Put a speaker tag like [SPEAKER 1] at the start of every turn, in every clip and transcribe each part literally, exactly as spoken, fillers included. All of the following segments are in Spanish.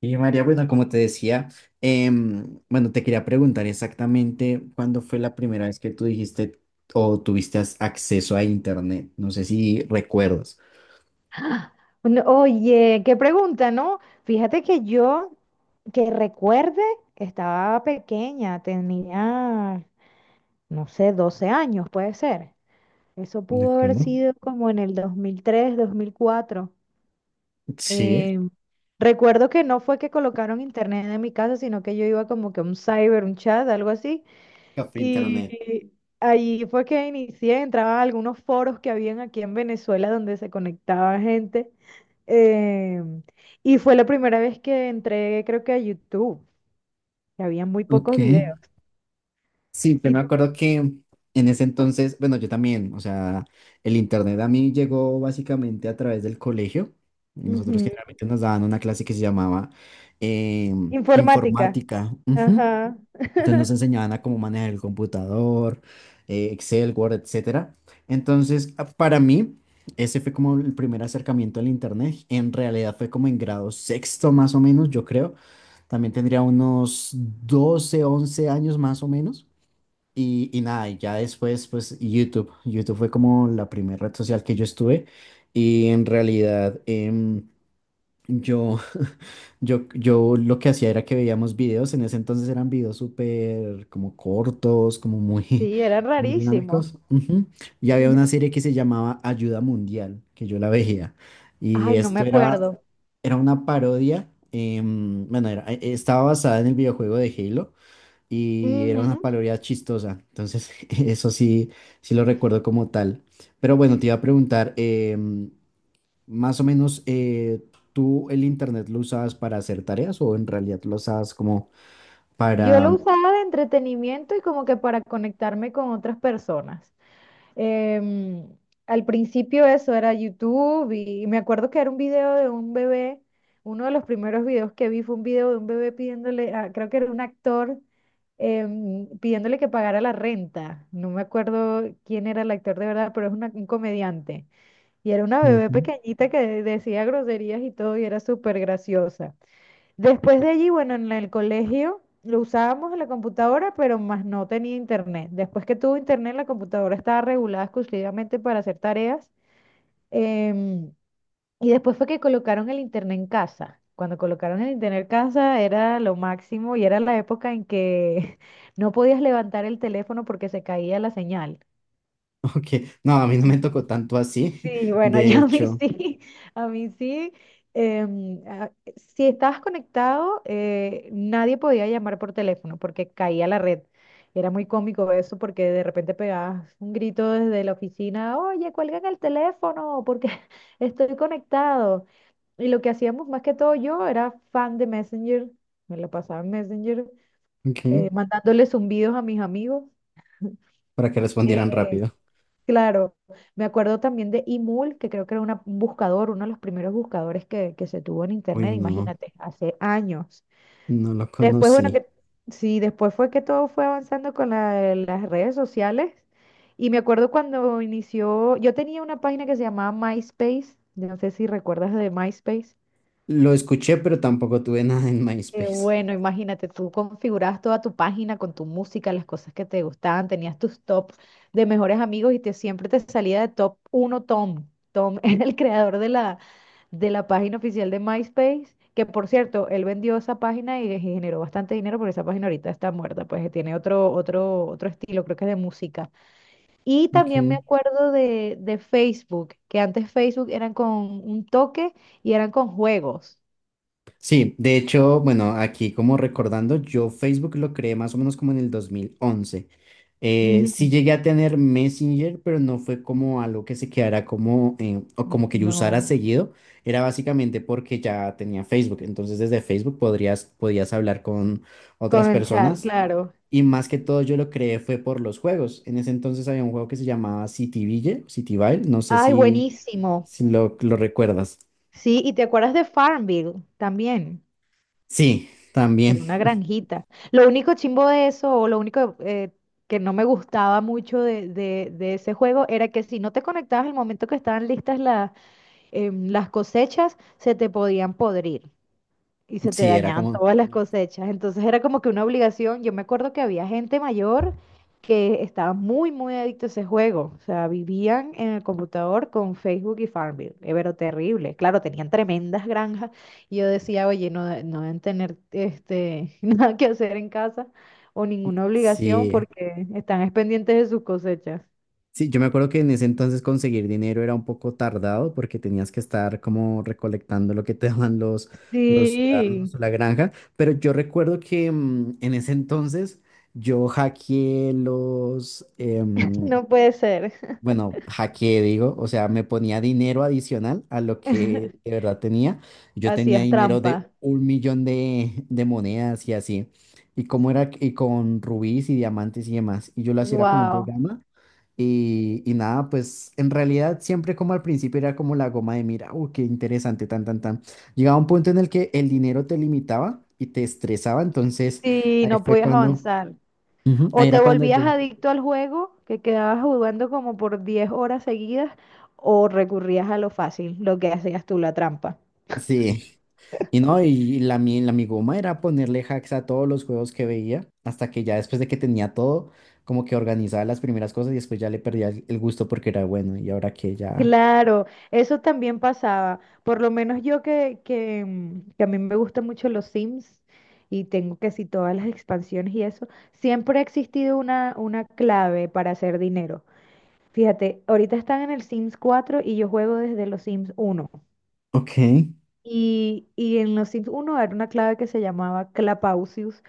[SPEAKER 1] Y María, bueno, como te decía, em, bueno, te quería preguntar exactamente cuándo fue la primera vez que tú dijiste o tuviste as- acceso a Internet. No sé si recuerdas.
[SPEAKER 2] No, oye, qué pregunta, ¿no? Fíjate que yo, que recuerde, estaba pequeña, tenía, no sé, doce años, puede ser. Eso
[SPEAKER 1] ¿De
[SPEAKER 2] pudo haber
[SPEAKER 1] acuerdo?
[SPEAKER 2] sido como en el dos mil tres, dos mil cuatro.
[SPEAKER 1] Sí.
[SPEAKER 2] Eh, Recuerdo que no fue que colocaron internet en mi casa, sino que yo iba como que a un cyber, un chat, algo así.
[SPEAKER 1] Café
[SPEAKER 2] Y
[SPEAKER 1] Internet.
[SPEAKER 2] allí fue que inicié, entraba a algunos foros que habían aquí en Venezuela donde se conectaba gente. Eh, y fue la primera vez que entré, creo que a YouTube, que había muy
[SPEAKER 1] Ok.
[SPEAKER 2] pocos videos.
[SPEAKER 1] Sí, pero
[SPEAKER 2] ¿Y
[SPEAKER 1] me
[SPEAKER 2] tú?
[SPEAKER 1] acuerdo que en ese entonces, bueno, yo también, o sea, el Internet a mí llegó básicamente a través del colegio. Nosotros
[SPEAKER 2] Ujú.
[SPEAKER 1] generalmente nos daban una clase que se llamaba em,
[SPEAKER 2] Informática.
[SPEAKER 1] informática. Ujú.
[SPEAKER 2] Ajá.
[SPEAKER 1] Entonces nos enseñaban a cómo manejar el computador, eh, Excel, Word, etcétera. Entonces, a- para mí, ese fue como el primer acercamiento al Internet. En realidad fue como en grado sexto más o menos, yo creo. También tendría unos doce, once años más o menos. Y, y nada, y ya después, pues YouTube. YouTube fue como la primera red social que yo estuve. Y en realidad, em, yo yo, yo lo que hacía era que veíamos videos, en ese entonces eran videos súper como cortos, como muy,
[SPEAKER 2] Sí, era
[SPEAKER 1] muy
[SPEAKER 2] rarísimo.
[SPEAKER 1] dinámicos. Ujú. Y había una serie que se llamaba Ayuda Mundial, que yo la veía. Y
[SPEAKER 2] Ay, no me
[SPEAKER 1] esto era,
[SPEAKER 2] acuerdo.
[SPEAKER 1] era una parodia, em, bueno, era- eh, estaba basada en el videojuego de Halo y era una
[SPEAKER 2] Ujú.
[SPEAKER 1] parodia chistosa. Entonces, eso sí, sí lo recuerdo como tal. Pero bueno, te iba a preguntar, em, más o menos, eh, ¿tú el internet lo usabas para hacer tareas o en realidad lo usabas como
[SPEAKER 2] Yo lo
[SPEAKER 1] para...
[SPEAKER 2] usaba de entretenimiento y como que para conectarme con otras personas. Em, Al principio eso era YouTube y, y me acuerdo que era un video de un bebé, uno de los primeros videos que vi fue un video de un bebé pidiéndole, a- creo que era un actor, em, pidiéndole que pagara la renta. No me acuerdo quién era el actor de verdad, pero es una- un comediante. Y era una bebé
[SPEAKER 1] Ujú.
[SPEAKER 2] pequeñita que decía groserías y todo y era súper graciosa. Después de allí, bueno, en el colegio lo usábamos en la computadora, pero más no tenía internet. Después que tuvo internet, la computadora estaba regulada exclusivamente para hacer tareas. em, y después fue que colocaron el internet en casa. Cuando colocaron el internet en casa era lo máximo y era la época en que no podías levantar el teléfono porque se caía la señal.
[SPEAKER 1] Ok, no, a mí no me tocó tanto así,
[SPEAKER 2] Sí, bueno,
[SPEAKER 1] de
[SPEAKER 2] yo a mí
[SPEAKER 1] hecho,
[SPEAKER 2] sí, a mí sí. em, a- si estabas conectado, eh, nadie podía llamar por teléfono porque caía la red. Era muy cómico eso porque de repente pegabas un grito desde la oficina, oye, cuelgan el teléfono porque estoy conectado. Y lo que hacíamos más que todo, yo era fan de Messenger, me la pasaba en Messenger,
[SPEAKER 1] ok,
[SPEAKER 2] eh, mandándole zumbidos a mis amigos.
[SPEAKER 1] para que respondieran
[SPEAKER 2] Eh,
[SPEAKER 1] rápido.
[SPEAKER 2] Claro, me acuerdo también de Imul, que creo que era una- un buscador, uno de los primeros buscadores que, que se tuvo en
[SPEAKER 1] Uy,
[SPEAKER 2] internet,
[SPEAKER 1] no,
[SPEAKER 2] imagínate, hace años.
[SPEAKER 1] no lo
[SPEAKER 2] Después, bueno,
[SPEAKER 1] conocí.
[SPEAKER 2] que sí, después fue que todo fue avanzando con la- las redes sociales. Y me acuerdo cuando inició, yo tenía una página que se llamaba MySpace, no sé si recuerdas de MySpace.
[SPEAKER 1] Lo escuché, pero tampoco tuve nada en
[SPEAKER 2] Qué
[SPEAKER 1] MySpace.
[SPEAKER 2] bueno, imagínate, tú configurabas toda tu página con tu música, las cosas que te gustaban, tenías tus top de mejores amigos y te siempre te salía de top uno Tom. Tom era el creador de la, de la página oficial de MySpace, que por cierto, él vendió esa página y generó bastante dinero, porque esa página ahorita está muerta, pues tiene otro, otro, otro estilo, creo que es de música. Y también me
[SPEAKER 1] Ok.
[SPEAKER 2] acuerdo de, de Facebook, que antes Facebook eran con un toque y eran con juegos.
[SPEAKER 1] Sí, de hecho, bueno, aquí como recordando, yo Facebook lo creé más o menos como en el dos mil once. Eh, sí
[SPEAKER 2] Ujú.
[SPEAKER 1] llegué a tener Messenger, pero no fue como algo que se quedara como, eh, o como que yo usara
[SPEAKER 2] No.
[SPEAKER 1] seguido. Era básicamente porque ya tenía Facebook. Entonces desde Facebook podrías, podías hablar con
[SPEAKER 2] Con
[SPEAKER 1] otras
[SPEAKER 2] el chat,
[SPEAKER 1] personas.
[SPEAKER 2] claro.
[SPEAKER 1] Y más que todo yo lo creé fue por los juegos. En ese entonces había un juego que se llamaba Cityville, Cityville, no sé
[SPEAKER 2] Ay,
[SPEAKER 1] si,
[SPEAKER 2] buenísimo.
[SPEAKER 1] si lo, lo recuerdas.
[SPEAKER 2] Sí, y te acuerdas de Farmville también,
[SPEAKER 1] Sí,
[SPEAKER 2] que era
[SPEAKER 1] también.
[SPEAKER 2] una granjita. Lo único chimbo de eso, o lo único eh, que no me gustaba mucho de, de- de ese juego, era que si no te conectabas al momento que estaban listas la- em, las cosechas, se te podían podrir. Y se te
[SPEAKER 1] Sí, era
[SPEAKER 2] dañaban
[SPEAKER 1] como...
[SPEAKER 2] todas las cosechas. Entonces era como que una obligación. Yo me acuerdo que había gente mayor que estaba muy, muy adicto a ese juego. O sea, vivían en el computador con Facebook y Farmville. Eh, Pero terrible. Claro, tenían tremendas granjas. Y yo decía, oye, no, de- no deben tener este, nada que hacer en casa o ninguna obligación
[SPEAKER 1] Sí,
[SPEAKER 2] porque están es pendientes de sus cosechas.
[SPEAKER 1] sí, yo me acuerdo que en ese entonces conseguir dinero era un poco tardado porque tenías que estar como recolectando lo que te daban los, los ciudadanos
[SPEAKER 2] Sí,
[SPEAKER 1] o la granja, pero yo recuerdo que mm, en ese entonces yo hackeé los, em,
[SPEAKER 2] no puede ser.
[SPEAKER 1] bueno, hackeé digo, o sea, me ponía dinero adicional a lo que de verdad tenía. Yo tenía
[SPEAKER 2] Hacías
[SPEAKER 1] dinero de
[SPEAKER 2] trampa.
[SPEAKER 1] un millón de, de monedas y así. Y cómo era, y con rubíes y diamantes y demás. Y yo lo hacía era con un
[SPEAKER 2] Wow.
[SPEAKER 1] programa y, y nada, pues en realidad siempre como al principio era como la goma de mira, uh, qué interesante, tan, tan, tan. Llegaba un punto en el que el dinero te limitaba y te estresaba, entonces
[SPEAKER 2] Sí,
[SPEAKER 1] ahí
[SPEAKER 2] no
[SPEAKER 1] fue
[SPEAKER 2] podías
[SPEAKER 1] cuando,
[SPEAKER 2] avanzar.
[SPEAKER 1] ujú, ahí
[SPEAKER 2] O te
[SPEAKER 1] era cuando
[SPEAKER 2] volvías
[SPEAKER 1] yo,
[SPEAKER 2] adicto al juego, que quedabas jugando como por diez horas seguidas, o recurrías a lo fácil, lo que hacías tú, la trampa.
[SPEAKER 1] sí, y no, y la, mi- la mi goma era ponerle hacks a todos los juegos que veía, hasta que ya después de que tenía todo, como que organizaba las primeras cosas y después ya le perdía el el gusto porque era bueno, y ahora que ya,
[SPEAKER 2] Claro, eso también pasaba. Por lo menos yo que, que, mm, que a mí me gustan mucho los Sims y tengo que si todas las expansiones y eso, siempre ha existido una, una clave para hacer dinero. Fíjate, ahorita están en el Sims cuatro y yo juego desde los Sims uno.
[SPEAKER 1] ok,
[SPEAKER 2] Y, y en los Sims uno era una clave que se llamaba Clapausius.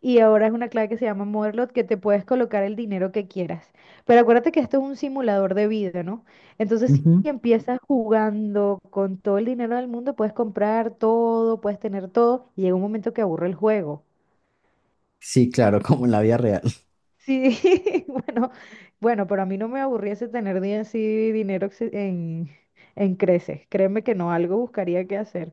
[SPEAKER 2] Y ahora es una clave que se llama Motherlode que te puedes colocar el dinero que quieras. Pero acuérdate que esto es un simulador de vida, ¿no? Entonces,
[SPEAKER 1] ujú.
[SPEAKER 2] si empiezas jugando con todo el dinero del mundo, puedes comprar todo, puedes tener todo, y llega un momento que aburre el juego.
[SPEAKER 1] Sí, claro, como en la vida real.
[SPEAKER 2] Sí, bueno, bueno, pero a mí no me aburriese tener di- así dinero exce- en, en creces. Créeme que no, algo buscaría que hacer.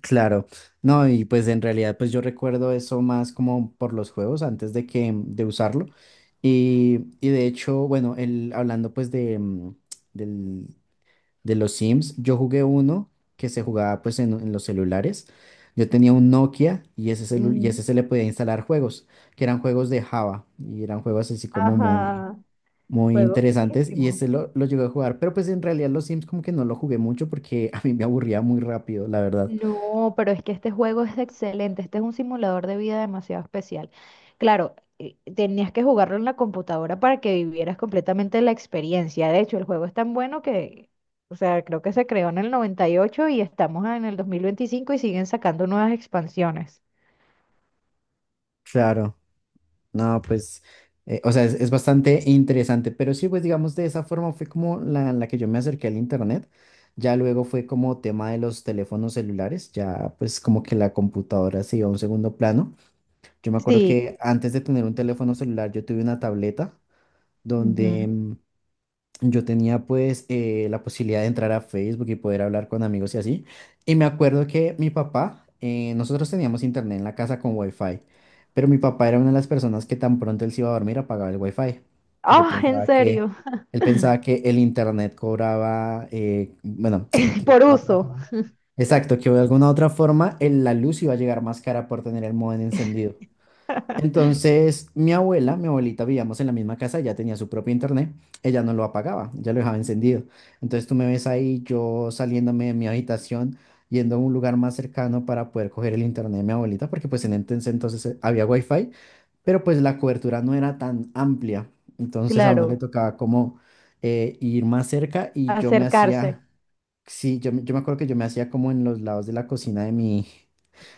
[SPEAKER 1] Claro, no, y pues en realidad pues yo recuerdo eso más como por los juegos antes de que mm, de usarlo y, y de hecho, bueno, el, hablando pues de, mm, del- de los Sims, yo jugué uno que se jugaba pues en, en, los celulares, yo tenía un Nokia y ese, celu- y ese
[SPEAKER 2] Mm.
[SPEAKER 1] se le podía instalar juegos, que eran juegos de Java y eran juegos así como muy,
[SPEAKER 2] Ajá,
[SPEAKER 1] muy
[SPEAKER 2] juego.
[SPEAKER 1] interesantes y ese lo, lo llegué a jugar, pero pues en realidad los Sims como que no lo jugué mucho porque a mí me aburría muy rápido, la verdad.
[SPEAKER 2] No, pero es que este juego es excelente. Este es un simulador de vida demasiado especial. Claro, eh, tenías que jugarlo en la computadora para que vivieras completamente la experiencia. De hecho, el juego es tan bueno que, o sea, creo que se creó en el noventa y ocho y ocho y estamos en el dos mil veinticinco y siguen sacando nuevas expansiones.
[SPEAKER 1] Claro. No, pues, eh, o sea, es, es bastante interesante, pero sí, pues digamos, de esa forma fue como la, la que yo me acerqué al internet, ya luego fue como tema de los teléfonos celulares, ya pues como que la computadora se iba a un segundo plano. Yo me acuerdo
[SPEAKER 2] Sí.
[SPEAKER 1] que antes de tener un teléfono celular yo tuve una tableta
[SPEAKER 2] Ujú.
[SPEAKER 1] donde mm, yo tenía pues eh, la posibilidad de entrar a Facebook y poder hablar con amigos y así. Y me acuerdo que mi papá, eh, nosotros teníamos internet en la casa con wifi, pero mi papá era una de las personas que tan pronto él se iba a dormir apagaba el wifi, porque
[SPEAKER 2] Ah, ¿en
[SPEAKER 1] pensaba que,
[SPEAKER 2] serio?
[SPEAKER 1] él pensaba que el internet cobraba, eh, bueno,
[SPEAKER 2] Por uso,
[SPEAKER 1] exacto, que de alguna otra forma el- la luz iba a llegar más cara por tener el módem encendido. Entonces, mi abuela, mi abuelita, vivíamos en la misma casa, ella tenía su propio internet, ella no lo apagaba, ya lo dejaba encendido. Entonces, tú me ves ahí, yo saliéndome de mi habitación, yendo a un lugar más cercano para poder coger el internet de mi abuelita, porque pues en ese entonces eh, había wifi, pero pues la cobertura no era tan amplia. Entonces, a uno le
[SPEAKER 2] claro,
[SPEAKER 1] tocaba como eh, ir más cerca y yo me
[SPEAKER 2] acercarse.
[SPEAKER 1] hacía, sí, yo, me- yo me acuerdo que yo me hacía como en los lados de la cocina de mi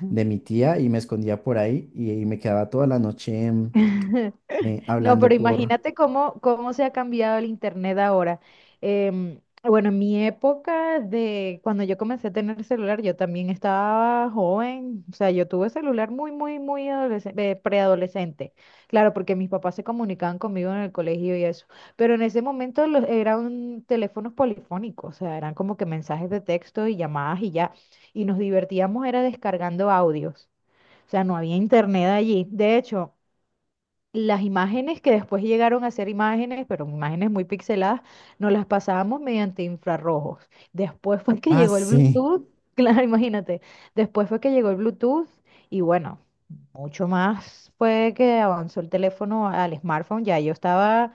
[SPEAKER 1] de mi tía y me escondía por ahí y, y me quedaba toda la noche em, eh,
[SPEAKER 2] No, pero
[SPEAKER 1] hablando por...
[SPEAKER 2] imagínate cómo, cómo se ha cambiado el internet ahora. Em, bueno, en mi época de cuando yo comencé a tener celular, yo también estaba joven, o sea, yo tuve celular muy, muy, muy adolesc- eh, preadolescente. Claro, porque mis papás se comunicaban conmigo en el colegio y eso. Pero en ese momento los, eran teléfonos polifónicos, o sea, eran como que mensajes de texto y llamadas y ya. Y nos divertíamos era descargando audios. O sea, no había internet allí. De hecho, las imágenes que después llegaron a ser imágenes, pero imágenes muy pixeladas, nos las pasábamos mediante infrarrojos. Después fue que
[SPEAKER 1] Ah,
[SPEAKER 2] llegó el
[SPEAKER 1] sí,
[SPEAKER 2] Bluetooth, claro, imagínate, después fue que llegó el Bluetooth y bueno, mucho más fue que avanzó el teléfono al smartphone, ya yo estaba,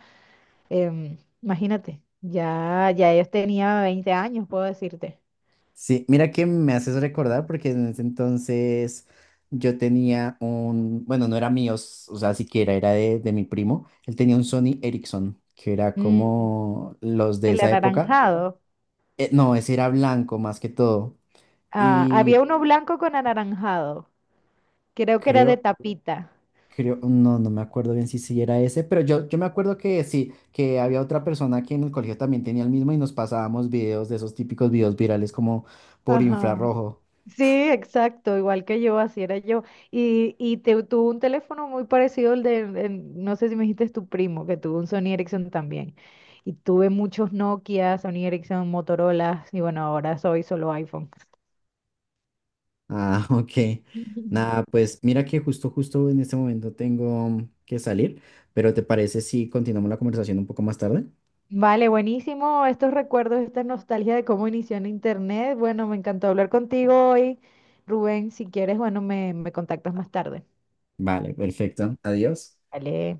[SPEAKER 2] em, imagínate, ya, ya yo tenía veinte años, puedo decirte.
[SPEAKER 1] sí, mira que me haces recordar porque en ese entonces yo tenía un, bueno, no era mío, s- o sea, siquiera era de, de mi primo, él tenía un Sony Ericsson, que era
[SPEAKER 2] Mm,
[SPEAKER 1] como los de
[SPEAKER 2] el
[SPEAKER 1] esa época.
[SPEAKER 2] anaranjado.
[SPEAKER 1] Eh, no, ese era blanco más que todo
[SPEAKER 2] Ah, había
[SPEAKER 1] y
[SPEAKER 2] uno blanco con anaranjado, creo que era de
[SPEAKER 1] creo...
[SPEAKER 2] tapita.
[SPEAKER 1] Creo, no, no me acuerdo bien si si era ese, pero yo, yo me acuerdo que sí, que había otra persona que en el colegio también tenía el mismo y nos pasábamos videos de esos típicos videos virales como por
[SPEAKER 2] Ajá.
[SPEAKER 1] infrarrojo.
[SPEAKER 2] Sí, exacto, igual que yo, así era yo. Y, y te, tuvo un teléfono muy parecido al de, en- no sé si me dijiste es tu primo, que tuvo un Sony Ericsson también. Y tuve muchos Nokia, Sony Ericsson, Motorola, y bueno, ahora soy solo iPhone.
[SPEAKER 1] Ah, ok. Nada, pues mira que justo, justo en este momento tengo que salir, pero ¿te parece si continuamos la conversación un poco más tarde?
[SPEAKER 2] Vale, buenísimo estos recuerdos, esta nostalgia de cómo inició en Internet. Bueno, me encantó hablar contigo hoy. Rubén, si quieres, bueno, me, me contactas más tarde.
[SPEAKER 1] Vale, perfecto. Adiós.
[SPEAKER 2] Vale.